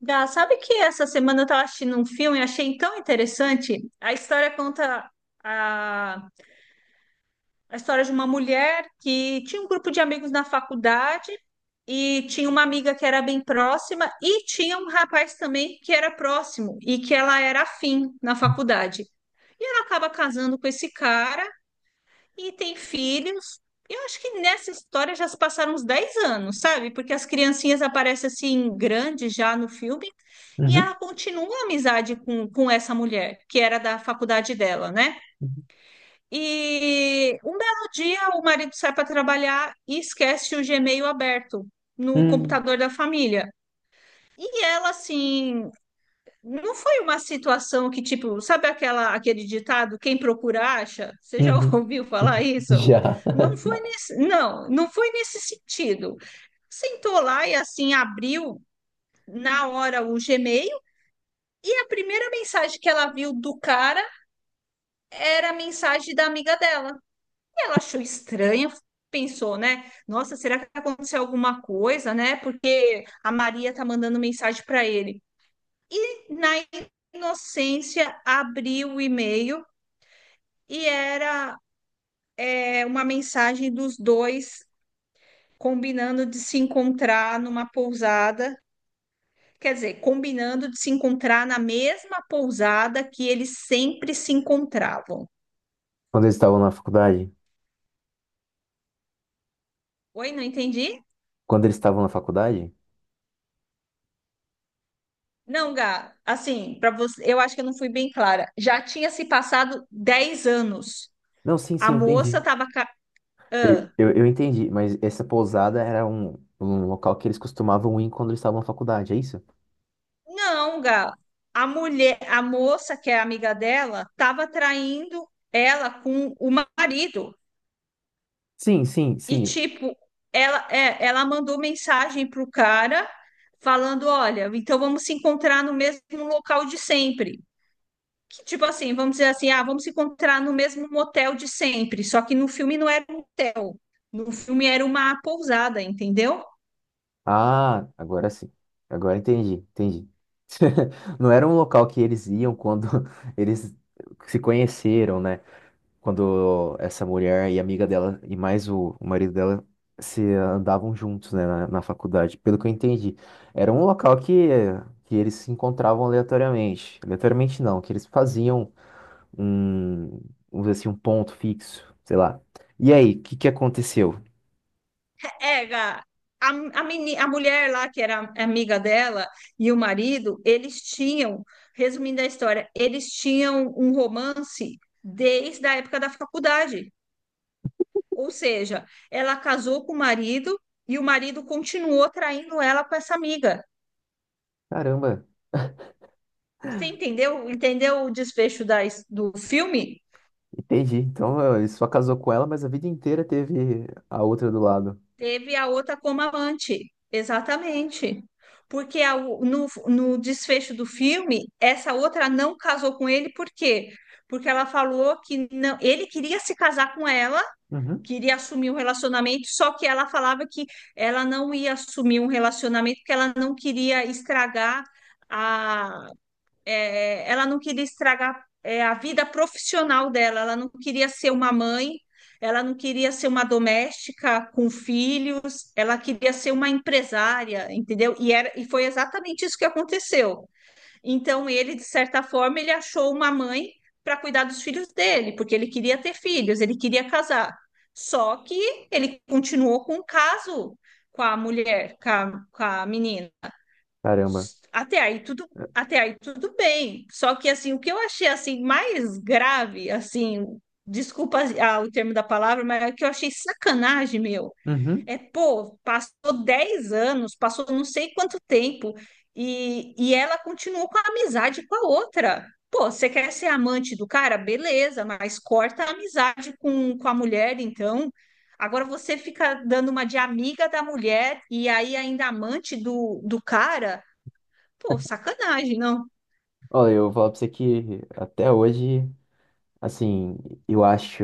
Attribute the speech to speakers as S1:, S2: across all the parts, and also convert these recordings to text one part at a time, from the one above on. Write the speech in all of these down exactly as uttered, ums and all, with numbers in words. S1: Gá, sabe que essa semana eu estava assistindo um filme e achei tão interessante? A história conta a, a história de uma mulher que tinha um grupo de amigos na faculdade e tinha uma amiga que era bem próxima e tinha um rapaz também que era próximo e que ela era afim na faculdade. E ela acaba casando com esse cara e tem filhos. Eu acho que nessa história já se passaram uns dez anos, sabe? Porque as criancinhas aparecem assim, grandes já no filme, e
S2: Uhum,
S1: ela continua a amizade com, com essa mulher, que era da faculdade dela, né? E um belo dia o marido sai para trabalhar e esquece o Gmail aberto no
S2: uhum,
S1: computador da família. E ela, assim, não foi uma situação que, tipo, sabe aquela, aquele ditado, quem procura acha? Você já
S2: uhum,
S1: ouviu falar
S2: uhum.
S1: isso?
S2: Já.
S1: Não foi nesse, não, não foi nesse sentido. Sentou lá e assim abriu na hora o Gmail e a primeira mensagem que ela viu do cara era a mensagem da amiga dela. E ela achou estranha, pensou, né? Nossa, será que aconteceu alguma coisa, né? Porque a Maria tá mandando mensagem para ele. Na inocência, abri o e-mail e era é, uma mensagem dos dois combinando de se encontrar numa pousada. Quer dizer, combinando de se encontrar na mesma pousada que eles sempre se encontravam.
S2: Quando eles estavam na faculdade?
S1: Oi, não entendi?
S2: Quando eles estavam na faculdade?
S1: Não, Gá, assim, para você, eu acho que eu não fui bem clara. Já tinha se passado dez anos.
S2: Não, sim,
S1: A
S2: sim, eu
S1: moça
S2: entendi.
S1: estava.
S2: Eu, eu, eu entendi, mas essa pousada era um, um local que eles costumavam ir quando eles estavam na faculdade, é isso?
S1: Não, Gá. A mulher, a moça que é amiga dela, estava traindo ela com o marido.
S2: Sim, sim,
S1: E
S2: sim.
S1: tipo, ela é, ela mandou mensagem pro cara falando, olha, então vamos se encontrar no mesmo local de sempre. Que tipo assim, vamos dizer assim, ah, vamos se encontrar no mesmo motel de sempre, só que no filme não era um motel. No filme era uma pousada, entendeu?
S2: Ah, agora sim. Agora entendi, entendi. Não era um local que eles iam quando eles se conheceram, né? Quando essa mulher e a amiga dela e mais o, o marido dela se andavam juntos, né, na, na faculdade. Pelo que eu entendi, era um local que que eles se encontravam aleatoriamente. Aleatoriamente não, que eles faziam um, vamos dizer assim, um ponto fixo, sei lá. E aí, o que que aconteceu?
S1: Era a, a, meni, a mulher lá, que era amiga dela, e o marido, eles tinham, resumindo a história, eles tinham um romance desde a época da faculdade. Ou seja, ela casou com o marido e o marido continuou traindo ela com essa amiga.
S2: Caramba,
S1: Você entendeu? Entendeu o desfecho da, his- do filme?
S2: entendi. Então eh, ele só casou com ela, mas a vida inteira teve a outra do lado.
S1: Teve a outra como amante, exatamente. Porque a o- no, no desfecho do filme, essa outra não casou com ele, por quê? Porque ela falou que não, ele queria se casar com ela,
S2: Uhum.
S1: queria assumir um relacionamento, só que ela falava que ela não ia assumir um relacionamento, porque ela não queria estragar é, ela não queria estragar, é, a vida profissional dela, ela não queria ser uma mãe, ela não queria ser uma doméstica com filhos, ela queria ser uma empresária, entendeu? E, era, e foi exatamente isso que aconteceu. Então, ele, de certa forma, ele achou uma mãe para cuidar dos filhos dele, porque ele queria ter filhos, ele queria casar. Só que ele continuou com o caso com a mulher, com a, com a menina.
S2: Caramba.
S1: Até aí tudo, até aí tudo bem. Só que assim, o que eu achei assim mais grave, assim, desculpa ah, o termo da palavra, mas é que eu achei sacanagem, meu.
S2: Uhum.
S1: É, pô, passou dez anos, passou não sei quanto tempo e, e ela continuou com a amizade com a outra. Pô, você quer ser amante do cara? Beleza, mas corta a amizade com, com a mulher, então. Agora você fica dando uma de amiga da mulher e aí ainda amante do, do cara. Pô, sacanagem, não?
S2: Olha, eu vou falar pra você que até hoje, assim, eu acho,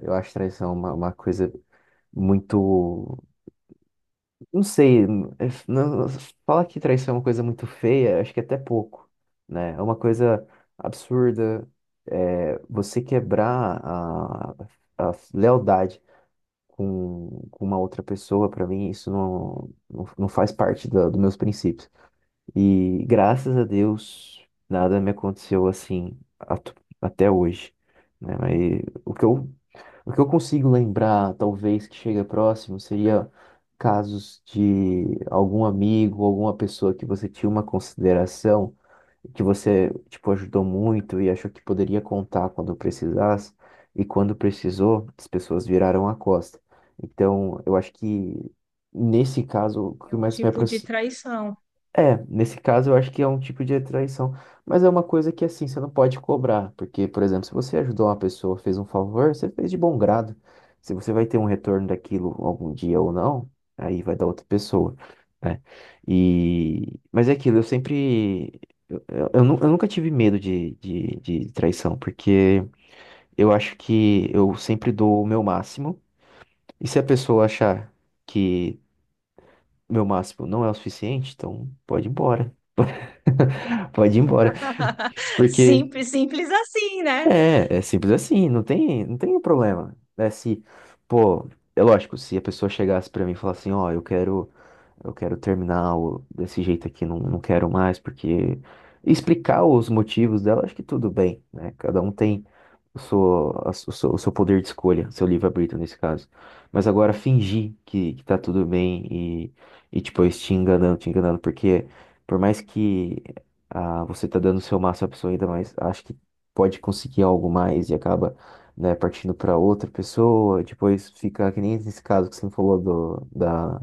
S2: eu acho traição uma, uma coisa muito, não sei, é f- não, fala que traição é uma coisa muito feia, acho que é até pouco, né? É uma coisa absurda, é, você quebrar a, a lealdade com, com uma outra pessoa, pra mim, isso não, não, não faz parte da, dos meus princípios. E graças a Deus, nada me aconteceu assim atu- até hoje, né? Mas o que eu o que eu consigo lembrar, talvez, que chega próximo, seria casos de algum amigo, alguma pessoa que você tinha uma consideração, que você, tipo, ajudou muito e achou que poderia contar quando precisasse, e quando precisou, as pessoas viraram a costa. Então, eu acho que, nesse caso, o
S1: É
S2: que
S1: um
S2: mais me
S1: tipo de
S2: aproxima.
S1: traição.
S2: É, nesse caso eu acho que é um tipo de traição, mas é uma coisa que assim, você não pode cobrar, porque, por exemplo, se você ajudou uma pessoa, fez um favor, você fez de bom grado. Se você vai ter um retorno daquilo algum dia ou não, aí vai dar outra pessoa, né? E... Mas é aquilo, eu sempre. Eu, eu nu- eu nunca tive medo de, de, de traição, porque eu acho que eu sempre dou o meu máximo, e se a pessoa achar que meu máximo não é o suficiente, então pode ir embora. Pode ir embora. Porque
S1: Simples, simples assim, né?
S2: é, é simples assim, não tem, não tem um problema. É se, pô, é lógico, se a pessoa chegasse pra mim e falasse assim, ó, eu quero eu quero terminar o- desse jeito aqui, não, não quero mais, porque explicar os motivos dela, acho que tudo bem, né? Cada um tem o seu, a su- o seu, o seu poder de escolha, seu livre-arbítrio nesse caso. Mas agora fingir que, que tá tudo bem e, e depois te enganando, te enganando, porque por mais que ah, você tá dando o seu máximo à pessoa ainda mais, acho que pode conseguir algo mais e acaba. Né, partindo para outra pessoa, depois fica que nem nesse caso que você me falou do, da,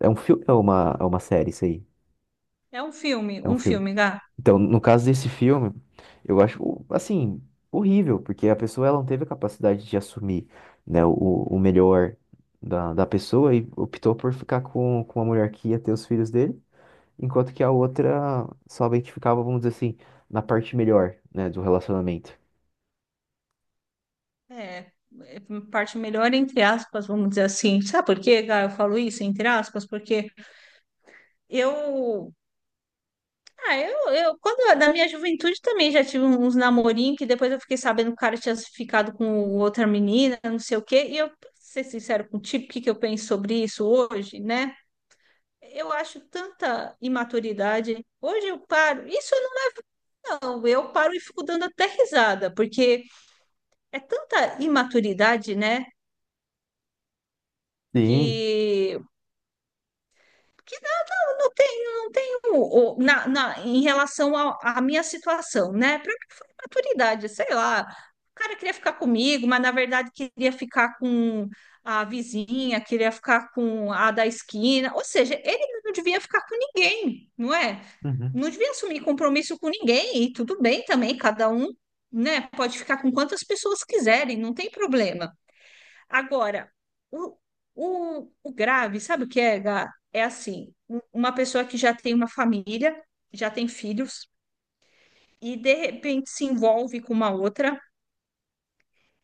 S2: é um filme, é uma, é uma série isso aí.
S1: É um filme,
S2: É um
S1: um
S2: filme.
S1: filme, Gá.
S2: Então, no caso desse filme, eu acho, assim, horrível, porque a pessoa ela não teve a capacidade de assumir, né, o, o melhor da, da pessoa e optou por ficar com, com a mulher que ia ter os filhos dele, enquanto que a outra somente ficava, vamos dizer assim, na parte melhor, né, do relacionamento.
S1: É, é parte melhor entre aspas, vamos dizer assim. Sabe por quê, Gá? Eu falo isso entre aspas, porque eu, ah, eu, eu quando na minha juventude também já tive uns namorinhos que depois eu fiquei sabendo que o cara tinha ficado com outra menina, não sei o quê, e eu, pra ser sincero contigo, o que que eu penso sobre isso hoje, né? Eu acho tanta imaturidade. Hoje eu paro, isso eu não, não, eu paro e fico dando até risada, porque é tanta imaturidade, né?
S2: Sim.
S1: Que, que não não tenho, não tenho o- na, na- em relação ao- à minha situação, né? Para que foi maturidade, sei lá. O cara queria ficar comigo, mas na verdade queria ficar com a vizinha, queria ficar com a da esquina. Ou seja, ele não devia ficar com ninguém, não é?
S2: Uhum,
S1: Não devia assumir compromisso com ninguém, e tudo bem também, cada um, né, pode ficar com quantas pessoas quiserem, não tem problema. Agora, o, o, o grave, sabe o que é, Gá? É assim, um- uma pessoa que já tem uma família, já tem filhos, e de repente se envolve com uma outra,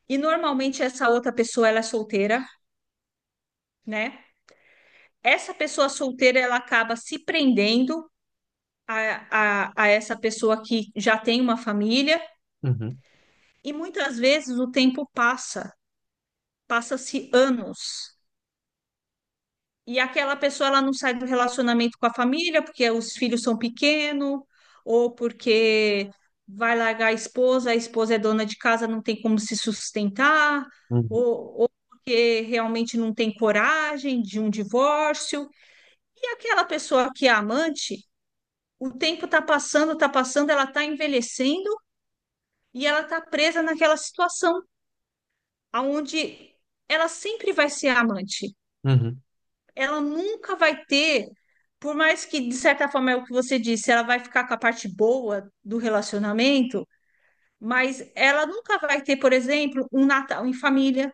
S1: e normalmente essa outra pessoa ela é solteira, né? Essa pessoa solteira ela acaba se prendendo a, a, a essa pessoa que já tem uma família,
S2: uhum,
S1: e muitas vezes o tempo passa, passa-se anos. E aquela pessoa ela não sai do relacionamento com a família porque os filhos são pequenos, ou porque vai largar a esposa, a esposa é dona de casa, não tem como se sustentar,
S2: uhum,
S1: ou, ou porque realmente não tem coragem de um divórcio. E aquela pessoa que é amante, o tempo está passando, está passando, ela está envelhecendo e ela está presa naquela situação, aonde ela sempre vai ser amante.
S2: uhum.
S1: Ela nunca vai ter, por mais que, de certa forma, é o que você disse, ela vai ficar com a parte boa do relacionamento, mas ela nunca vai ter, por exemplo, um Natal em família.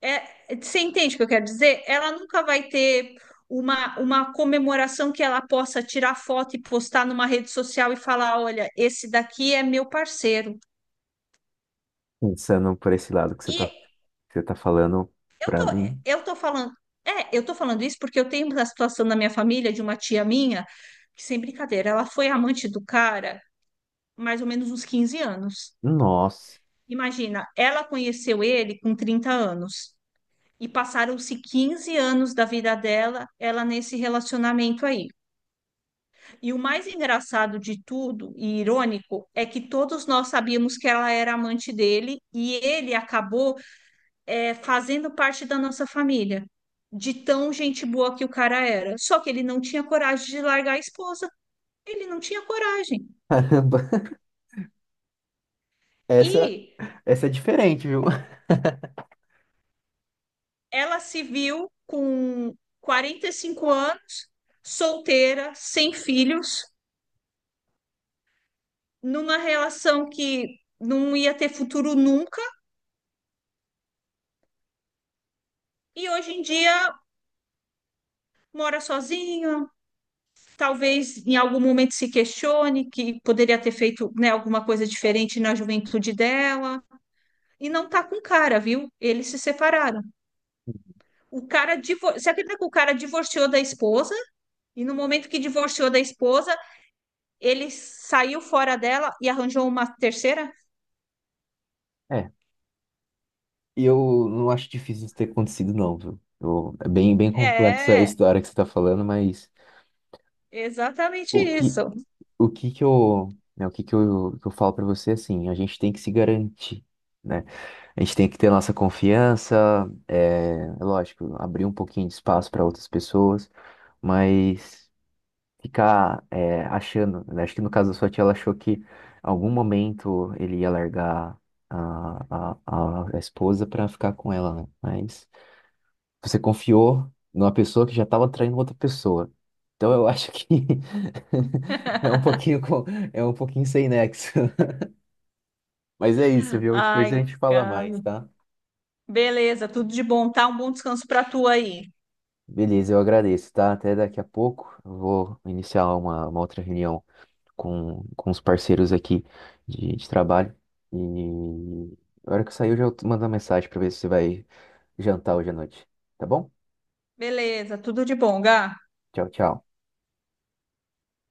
S1: É, você entende o que eu quero dizer? Ela nunca vai ter uma, uma comemoração que ela possa tirar foto e postar numa rede social e falar: olha, esse daqui é meu parceiro.
S2: Pensando por esse lado que você tá,
S1: E
S2: que você tá falando
S1: eu tô,
S2: pra mim,
S1: eu tô falando, é, eu tô falando isso porque eu tenho uma situação na minha família de uma tia minha, que sem brincadeira, ela foi amante do cara mais ou menos uns quinze anos.
S2: nossa,
S1: Imagina, ela conheceu ele com trinta anos e passaram-se quinze anos da vida dela, ela nesse relacionamento aí. E o mais engraçado de tudo e irônico é que todos nós sabíamos que ela era amante dele e ele acabou é, fazendo parte da nossa família, de tão gente boa que o cara era. Só que ele não tinha coragem de largar a esposa, ele não tinha coragem.
S2: caramba. Essa,
S1: E
S2: essa é diferente, viu?
S1: ela se viu com quarenta e cinco anos, solteira, sem filhos, numa relação que não ia ter futuro nunca, e hoje em dia mora sozinha, talvez em algum momento se questione que poderia ter feito, né, alguma coisa diferente na juventude dela e não tá com cara, viu? Eles se separaram. O cara divor... Você acredita que o cara divorciou da esposa? E no momento que divorciou da esposa, ele saiu fora dela e arranjou uma terceira?
S2: É. E eu não acho difícil isso ter acontecido, não, viu? Eu- é bem, bem complexa a
S1: É,
S2: história que você tá falando, mas
S1: exatamente
S2: o que,
S1: isso.
S2: o que que eu, né, o que que eu, que eu falo pra você, é assim, a gente tem que se garantir, né? A gente tem que ter nossa confiança, é, é lógico, abrir um pouquinho de espaço para outras pessoas, mas ficar é, achando, né? Acho que no caso da sua tia, ela achou que em algum momento ele ia largar a, a, a esposa para ficar com ela, né? Mas você confiou numa pessoa que já estava traindo outra pessoa. Então eu acho que é um pouquinho com- é um pouquinho sem nexo. Mas é isso, viu? Depois a
S1: Ai,
S2: gente fala mais,
S1: Gabi.
S2: tá?
S1: Beleza, tudo de bom, tá? Um bom descanso pra tu aí.
S2: Beleza, eu agradeço, tá? Até daqui a pouco. Eu vou iniciar uma uma outra reunião com, com os parceiros aqui de, de trabalho. E a hora que sair, eu já mando uma mensagem para ver se você vai jantar hoje à noite. Tá bom?
S1: Beleza, tudo de bom, Gá.
S2: Tchau, tchau.